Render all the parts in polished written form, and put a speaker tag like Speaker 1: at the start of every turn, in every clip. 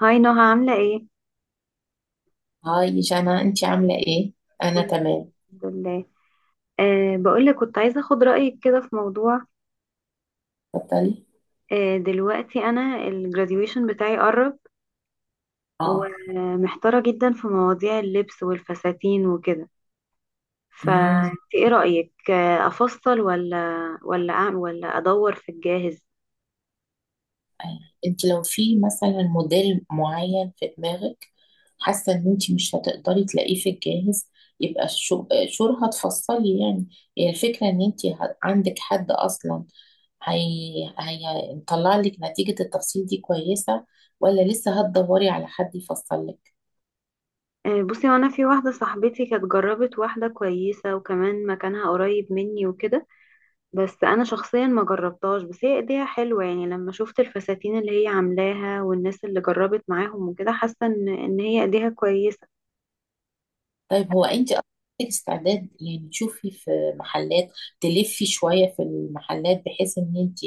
Speaker 1: هاي نهى عاملة ايه؟
Speaker 2: هاي جانا، انت عاملة ايه؟ انا
Speaker 1: كله
Speaker 2: تمام.
Speaker 1: الحمد لله. بقولك كنت عايزة اخد رأيك كده في موضوع.
Speaker 2: اتفضلي.
Speaker 1: دلوقتي انا الجراديويشن بتاعي قرب،
Speaker 2: اه
Speaker 1: ومحتارة جدا في مواضيع اللبس والفساتين وكده.
Speaker 2: امم
Speaker 1: فانت ايه رأيك، افصل ولا ولا اعمل ولا ادور في الجاهز؟
Speaker 2: أي. انت لو في مثلا موديل معين في دماغك، حاسة ان انت مش هتقدري تلاقيه في الجاهز، يبقى شور هتفصلي يعني. هي الفكرة ان انت عندك حد اصلا. هي هيطلع لك نتيجة التفصيل دي كويسة، ولا لسه هتدوري على حد يفصل لك؟
Speaker 1: بصي، وانا في واحدة صاحبتي كانت جربت واحدة كويسة وكمان مكانها قريب مني وكده. بس انا شخصيا ما جربتهاش، بس هي ايديها حلوه. يعني لما شفت الفساتين اللي هي عاملاها والناس اللي جربت معاهم وكده، حاسه ان هي ايديها كويسه.
Speaker 2: طيب، هو انت اصلا عندك استعداد يعني تشوفي في محلات، تلفي شوية في المحلات، بحيث ان انت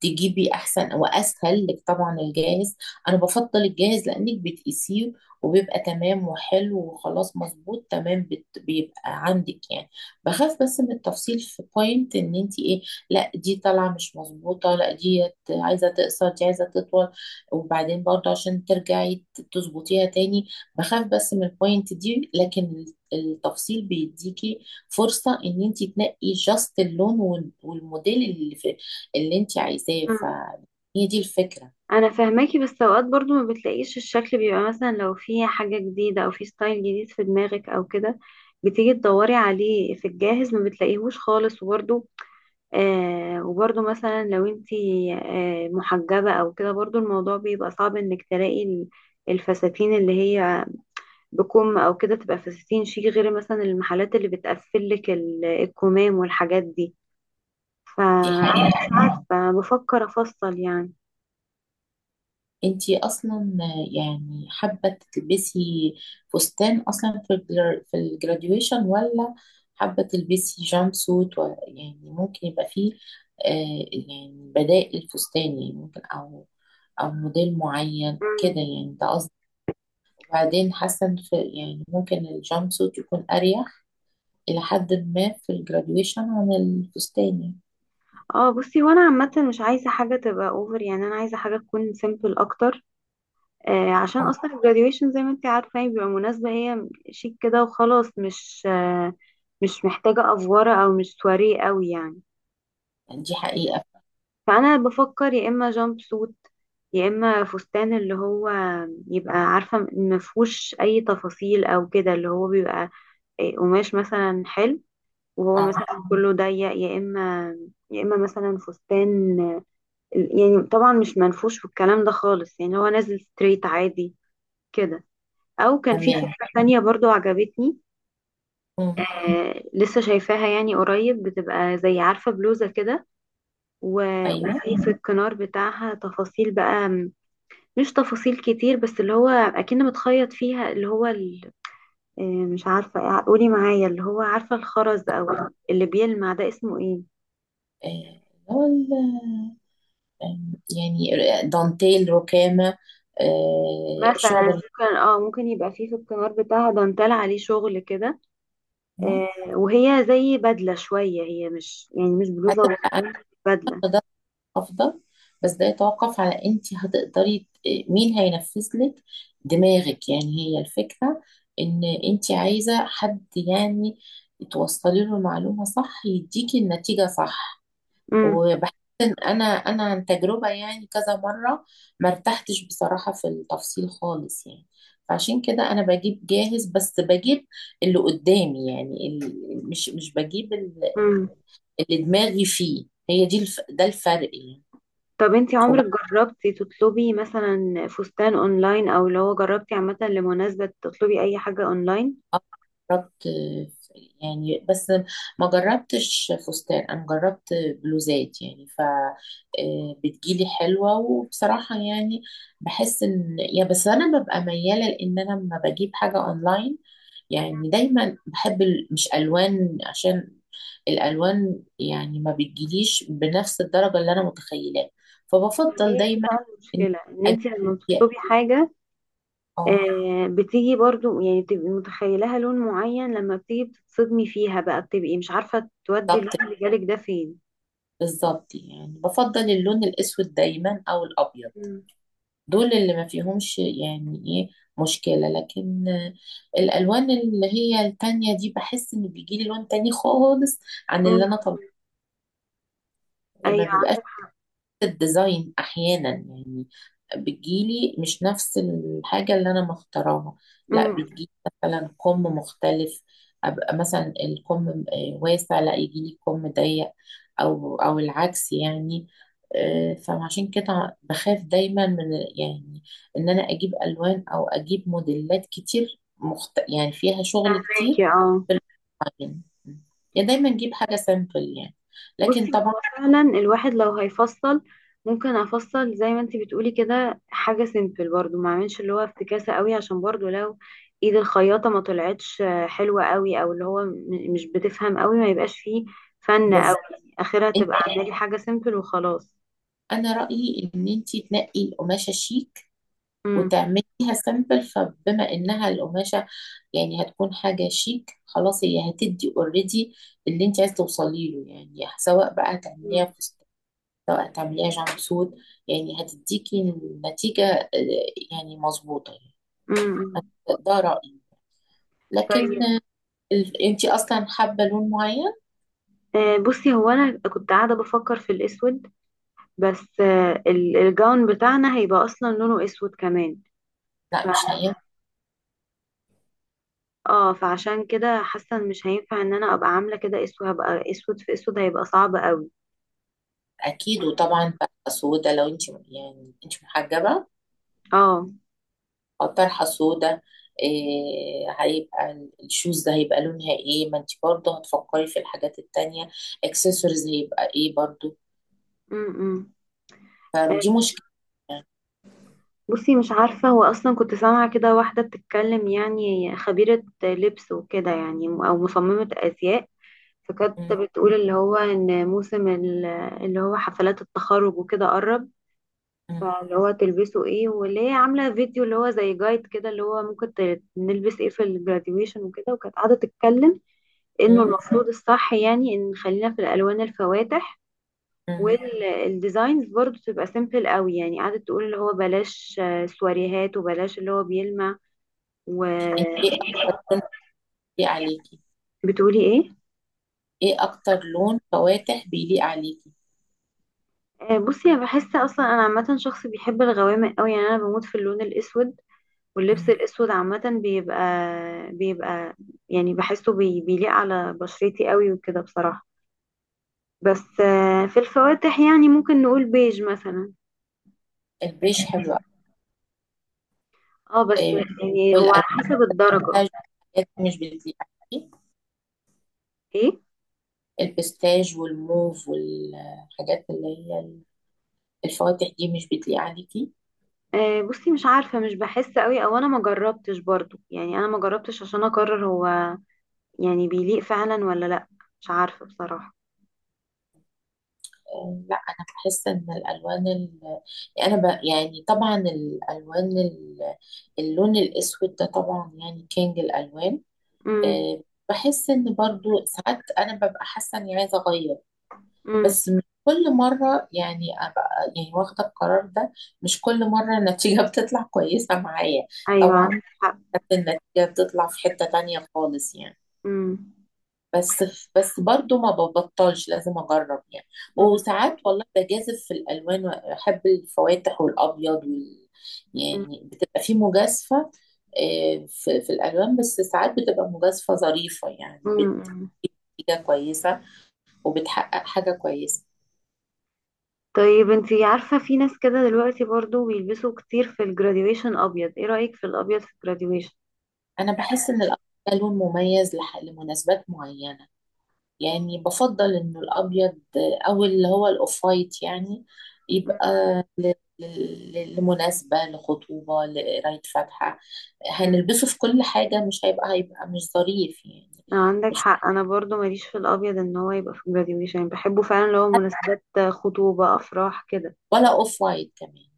Speaker 2: تجيبي احسن؟ واسهل لك طبعا الجاهز. انا بفضل الجاهز لانك بتقيسيه وبيبقى تمام وحلو وخلاص مظبوط تمام، بيبقى عندك يعني. بخاف بس من التفصيل في بوينت ان انت ايه، لا دي طالعة مش مظبوطة، لا دي عايزة تقصر، دي عايزة تطول، وبعدين برضه عشان ترجعي تظبطيها تاني. بخاف بس من البوينت دي، لكن التفصيل بيديكي فرصة ان انت تنقي جاست اللون والموديل اللي انت عايزاه.
Speaker 1: مم.
Speaker 2: فهي دي الفكرة.
Speaker 1: انا فاهماكي، بس اوقات برضو ما بتلاقيش الشكل. بيبقى مثلا لو في حاجه جديده او في ستايل جديد في دماغك او كده، بتيجي تدوري عليه في الجاهز ما بتلاقيهوش خالص. وبرضو مثلا لو انتي محجبه او كده، برضو الموضوع بيبقى صعب انك تلاقي الفساتين اللي هي بكم او كده تبقى في 60 شيك، غير مثلا المحلات اللي بتقفل لك الكمام والحاجات دي.
Speaker 2: دي
Speaker 1: فمش
Speaker 2: حقيقة.
Speaker 1: عارفه، بفكر افصل يعني.
Speaker 2: انت اصلا يعني حابة تلبسي فستان اصلا في في الجراديويشن، ولا حابة تلبسي جامب سوت يعني ممكن يبقى فيه يعني بدائل فستان يعني، ممكن، او موديل معين كده
Speaker 1: مم.
Speaker 2: يعني ده. بعدين حاسه إن في يعني ممكن الجامب سوت يكون اريح الى حد ما في الجراديويشن عن الفستاني.
Speaker 1: اه بصي، وانا عامه مش عايزه حاجه تبقى اوفر. يعني انا عايزه حاجه تكون سيمبل اكتر. عشان
Speaker 2: اه،
Speaker 1: اصلا الجراديويشن زي ما انت عارفه هي بيبقى مناسبه، هي شيك كده وخلاص، مش محتاجه افوره او مش سواريه قوي يعني.
Speaker 2: يعني دي حقيقه.
Speaker 1: فانا بفكر يا اما جامب سوت، يا اما فستان اللي هو يبقى عارفه ما فيهوش اي تفاصيل او كده، اللي هو بيبقى قماش مثلا حلو. وهو مثلا
Speaker 2: اه.
Speaker 1: كله ضيق، يا اما مثلا فستان، يعني طبعا مش منفوش في الكلام ده خالص، يعني هو نازل ستريت عادي كده. او كان في
Speaker 2: تمام.
Speaker 1: فكره تانية برضو عجبتني.
Speaker 2: مم.
Speaker 1: لسه شايفاها. يعني قريب بتبقى زي عارفه بلوزه كده،
Speaker 2: ايوه.
Speaker 1: وفي الكنار بتاعها تفاصيل بقى. مش تفاصيل كتير، بس اللي هو اكن متخيط فيها، اللي هو مش عارفة، قولي معايا، اللي هو عارفة الخرز او اللي بيلمع ده اسمه ايه؟
Speaker 2: اللي هو يعني دانتيل ركامه.
Speaker 1: مثلا
Speaker 2: شغل.
Speaker 1: ممكن يبقى فيه في الكمار بتاعها دانتال عليه شغل كده. آه وهي زي بدلة شوية، هي مش يعني مش بلوزة
Speaker 2: هتبقى
Speaker 1: وبنطلون، بدلة.
Speaker 2: أناقة افضل، بس ده يتوقف على انت هتقدري مين هينفذ لك دماغك يعني. هي الفكرة ان انت عايزة حد يعني توصلي له المعلومة صح، يديكي النتيجة صح.
Speaker 1: امم.
Speaker 2: وبحس ان انا عن تجربة يعني كذا مرة ما ارتحتش بصراحة في التفصيل خالص يعني. فعشان كده انا بجيب جاهز، بس بجيب اللي قدامي يعني، مش بجيب
Speaker 1: امم.
Speaker 2: اللي دماغي فيه. هي دي ده الفرق يعني.
Speaker 1: طب انتي عمرك جربتي تطلبي مثلا فستان اونلاين، او اللي هو جربتي عامة لمناسبة تطلبي اي حاجة اونلاين؟
Speaker 2: آه، جربت يعني بس ما جربتش فستان، انا جربت بلوزات يعني. ف بتجيلي حلوة، وبصراحة يعني بحس ان يا بس انا ببقى ميالة لان انا لما بجيب حاجة اونلاين يعني دايما بحب مش الوان، عشان الالوان يعني ما بتجيليش بنفس الدرجة اللي انا متخيلاها. فبفضل
Speaker 1: هي دي
Speaker 2: دايما
Speaker 1: بقى
Speaker 2: ان
Speaker 1: المشكلة ان انتي لما
Speaker 2: أجيب.
Speaker 1: بتطلبي حاجة،
Speaker 2: اه.
Speaker 1: بتيجي برضو. يعني بتبقي متخيلها لون معين، لما بتيجي بتتصدمي فيها بقى، بتبقي مش عارفة تودي
Speaker 2: طب
Speaker 1: اللون اللي جالك ده فين.
Speaker 2: بالظبط يعني، بفضل اللون الأسود دايما أو الأبيض.
Speaker 1: مم.
Speaker 2: دول اللي ما فيهمش يعني إيه، مشكلة. لكن الألوان اللي هي التانية دي بحس إن بيجيلي لون تاني خالص عن اللي
Speaker 1: مم.
Speaker 2: أنا طلبته. ما
Speaker 1: ايوه
Speaker 2: بيبقاش
Speaker 1: عندك.
Speaker 2: الديزاين احيانا يعني، بتجيلي مش نفس الحاجه اللي انا مختاراها. لا
Speaker 1: امم.
Speaker 2: بتجيلي مثلا كم مختلف. ابقى مثلا الكم واسع، لا يجيلي كم ضيق، او العكس يعني. فعشان كده بخاف دايما من يعني ان انا اجيب الوان او اجيب موديلات كتير يعني فيها شغل كتير
Speaker 1: فاكي اه.
Speaker 2: في المعجن. يعني دايما اجيب حاجه سامبل يعني، لكن
Speaker 1: بصي،
Speaker 2: طبعا.
Speaker 1: هو فعلا الواحد لو هيفصل، ممكن افصل زي ما انت بتقولي كده حاجة سيمبل، برضو ما اعملش اللي هو افتكاسة قوي. عشان برضو لو ايد الخياطة ما طلعتش حلوة قوي، او اللي هو مش بتفهم قوي، ما يبقاش فيه فن قوي.
Speaker 2: بس
Speaker 1: اخرها تبقى اعملي حاجة سيمبل وخلاص.
Speaker 2: انا رايي ان انت تنقي القماشه شيك،
Speaker 1: امم.
Speaker 2: وتعمليها سامبل. فبما انها القماشه يعني هتكون حاجه شيك، خلاص هي هتدي اوريدي اللي انت عايز توصلي له يعني، سواء بقى هتعمليها فستان، سواء هتعمليها جامب سوت، يعني هتديكي النتيجه يعني مظبوطه يعني.
Speaker 1: امم.
Speaker 2: ده رايي. لكن
Speaker 1: طيب.
Speaker 2: انت اصلا حابه لون معين؟
Speaker 1: بصي، هو انا كنت قاعده بفكر في الاسود. بس الجاون بتاعنا هيبقى اصلا لونه اسود كمان.
Speaker 2: لا
Speaker 1: ف...
Speaker 2: مش هينفع.
Speaker 1: اه فعشان كده حاسه إن مش هينفع. ان انا ابقى عامله كده اسود، هبقى اسود في اسود، هيبقى صعب قوي.
Speaker 2: اكيد. وطبعا بقى سودا، لو انت يعني انت محجبه
Speaker 1: اه.
Speaker 2: طرحة سودا، إيه. هيبقى الشوز ده هيبقى لونها ايه؟ ما انت برضه هتفكري في الحاجات التانية. اكسسوارز هيبقى ايه برضه؟
Speaker 1: امم. آه،
Speaker 2: فدي مشكلة يعني.
Speaker 1: بصي، مش عارفه. هو اصلا كنت سامعه كده واحده بتتكلم، يعني خبيره لبس وكده، يعني او مصممه ازياء. فكانت
Speaker 2: مم،
Speaker 1: بتقول اللي هو ان موسم اللي هو حفلات التخرج وكده قرب.
Speaker 2: مم،
Speaker 1: فاللي هو تلبسه ايه، واللي هي عاملة فيديو اللي هو زي جايد كده اللي هو ممكن نلبس ايه في الجراديويشن وكده. وكانت قاعدة تتكلم انه
Speaker 2: مم،
Speaker 1: المفروض الصح يعني ان خلينا في الالوان الفواتح،
Speaker 2: مم.
Speaker 1: والديزاينز برضو تبقى سيمبل قوي. يعني قعدت تقول اللي هو بلاش سواريهات، وبلاش اللي هو بيلمع.
Speaker 2: ايه
Speaker 1: وبتقولي
Speaker 2: اكتر لون بيليق عليكي؟
Speaker 1: ايه؟
Speaker 2: ايه اكتر لون فواتح بيليق عليكي؟
Speaker 1: بصي، انا بحس اصلا انا عامة شخص بيحب الغوامق قوي. يعني انا بموت في اللون الاسود، واللبس
Speaker 2: مم.
Speaker 1: الاسود عامة بيبقى يعني بحسه بيليق على بشرتي قوي وكده بصراحة. بس في الفواتح، يعني ممكن نقول بيج مثلا.
Speaker 2: البيج حلو أوي.
Speaker 1: اه بس
Speaker 2: إيه؟
Speaker 1: يعني هو على
Speaker 2: والألوان
Speaker 1: حسب الدرجة.
Speaker 2: الحاجات دي مش بتليق عليكي.
Speaker 1: ايه.
Speaker 2: البستاج والموف والحاجات اللي هي الفواتح دي مش بتليق عليكي.
Speaker 1: بصي، مش عارفة. مش بحس قوي. او انا ما جربتش برضو، يعني انا ما جربتش عشان اقرر هو يعني بيليق فعلا ولا لا. مش عارفة بصراحة.
Speaker 2: لا انا بحس ان يعني انا يعني طبعا اللون الاسود ده طبعا يعني كينج الالوان.
Speaker 1: امم.
Speaker 2: آه، بحس ان برضو ساعات انا ببقى حاسه اني عايزه اغير،
Speaker 1: امم.
Speaker 2: بس مش كل مره يعني ابقى يعني واخده القرار ده. مش كل مره النتيجه بتطلع كويسه معايا.
Speaker 1: ايوه عندك
Speaker 2: طبعا.
Speaker 1: حق.
Speaker 2: ساعات النتيجه بتطلع في حته تانية خالص يعني.
Speaker 1: امم.
Speaker 2: بس بس برضو ما ببطلش، لازم اجرب يعني. وساعات والله بجازف في الالوان، واحب الفواتح والابيض يعني بتبقى في مجازفه في الالوان. بس ساعات بتبقى مجازفه ظريفه يعني،
Speaker 1: امم.
Speaker 2: بتبقى كويسه وبتحقق حاجه كويسه.
Speaker 1: طيب انتي عارفة في ناس كده دلوقتي برضو بيلبسوا كتير في الجراديويشن ابيض، ايه رأيك في الابيض في الجراديويشن؟
Speaker 2: انا بحس ان الابيض ده لون مميز لمناسبات معينه يعني. بفضل انه الابيض او اللي هو الاوف وايت يعني، يبقى ل- لمناسبة، لخطوبة، لقراية فاتحة.
Speaker 1: مم.
Speaker 2: هنلبسه في كل حاجة مش هيبقى مش ظريف يعني.
Speaker 1: عندك حق. انا برضو ماليش في الابيض ان هو يبقى في الجراديويشن. يعني بحبه فعلا اللي هو مناسبات، خطوبة، افراح كده.
Speaker 2: ولا اوف وايت كمان.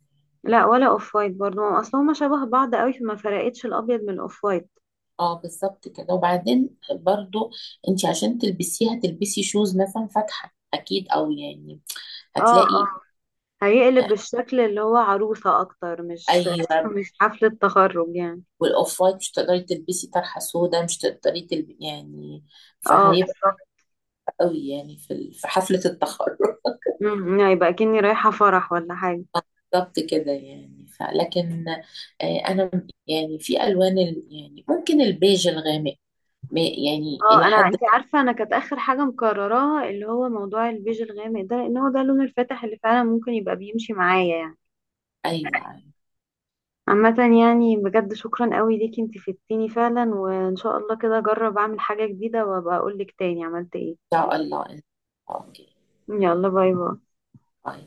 Speaker 1: لا، ولا اوف وايت برضو. ما اصل هما شبه بعض قوي، فما فرقتش الابيض من الاوف وايت.
Speaker 2: اه بالظبط كده. وبعدين برضو انت عشان تلبسيه هتلبسي شوز مثلا فاتحة اكيد، او يعني
Speaker 1: اه، اه،
Speaker 2: هتلاقي.
Speaker 1: هيقلب بالشكل اللي هو عروسة اكتر، مش
Speaker 2: ايوه.
Speaker 1: مش حفلة تخرج يعني.
Speaker 2: والاوف وايت مش تقدري تلبسي طرحة سودا، مش تقدري تلبسي يعني،
Speaker 1: اه
Speaker 2: فهيبقى
Speaker 1: بالظبط.
Speaker 2: قوي يعني في في حفلة التخرج
Speaker 1: مم، يعني يبقى كأني رايحة فرح ولا حاجة.
Speaker 2: بالظبط كده يعني. لكن انا يعني في الوان يعني ممكن البيج الغامق يعني
Speaker 1: اه،
Speaker 2: الى
Speaker 1: انا،
Speaker 2: حد.
Speaker 1: انت عارفه انا كانت اخر حاجه مقرراها اللي هو موضوع البيج الغامق ده، لان هو ده اللون الفاتح اللي فعلا ممكن يبقى بيمشي معايا يعني.
Speaker 2: ايوه، ان
Speaker 1: عامه، يعني بجد شكرا قوي ليكي، انت فدتيني فعلا، وان شاء الله كده اجرب اعمل حاجه جديده وابقى اقول لك تاني عملت ايه.
Speaker 2: شاء الله. اوكي.
Speaker 1: يلا باي باي.
Speaker 2: باي.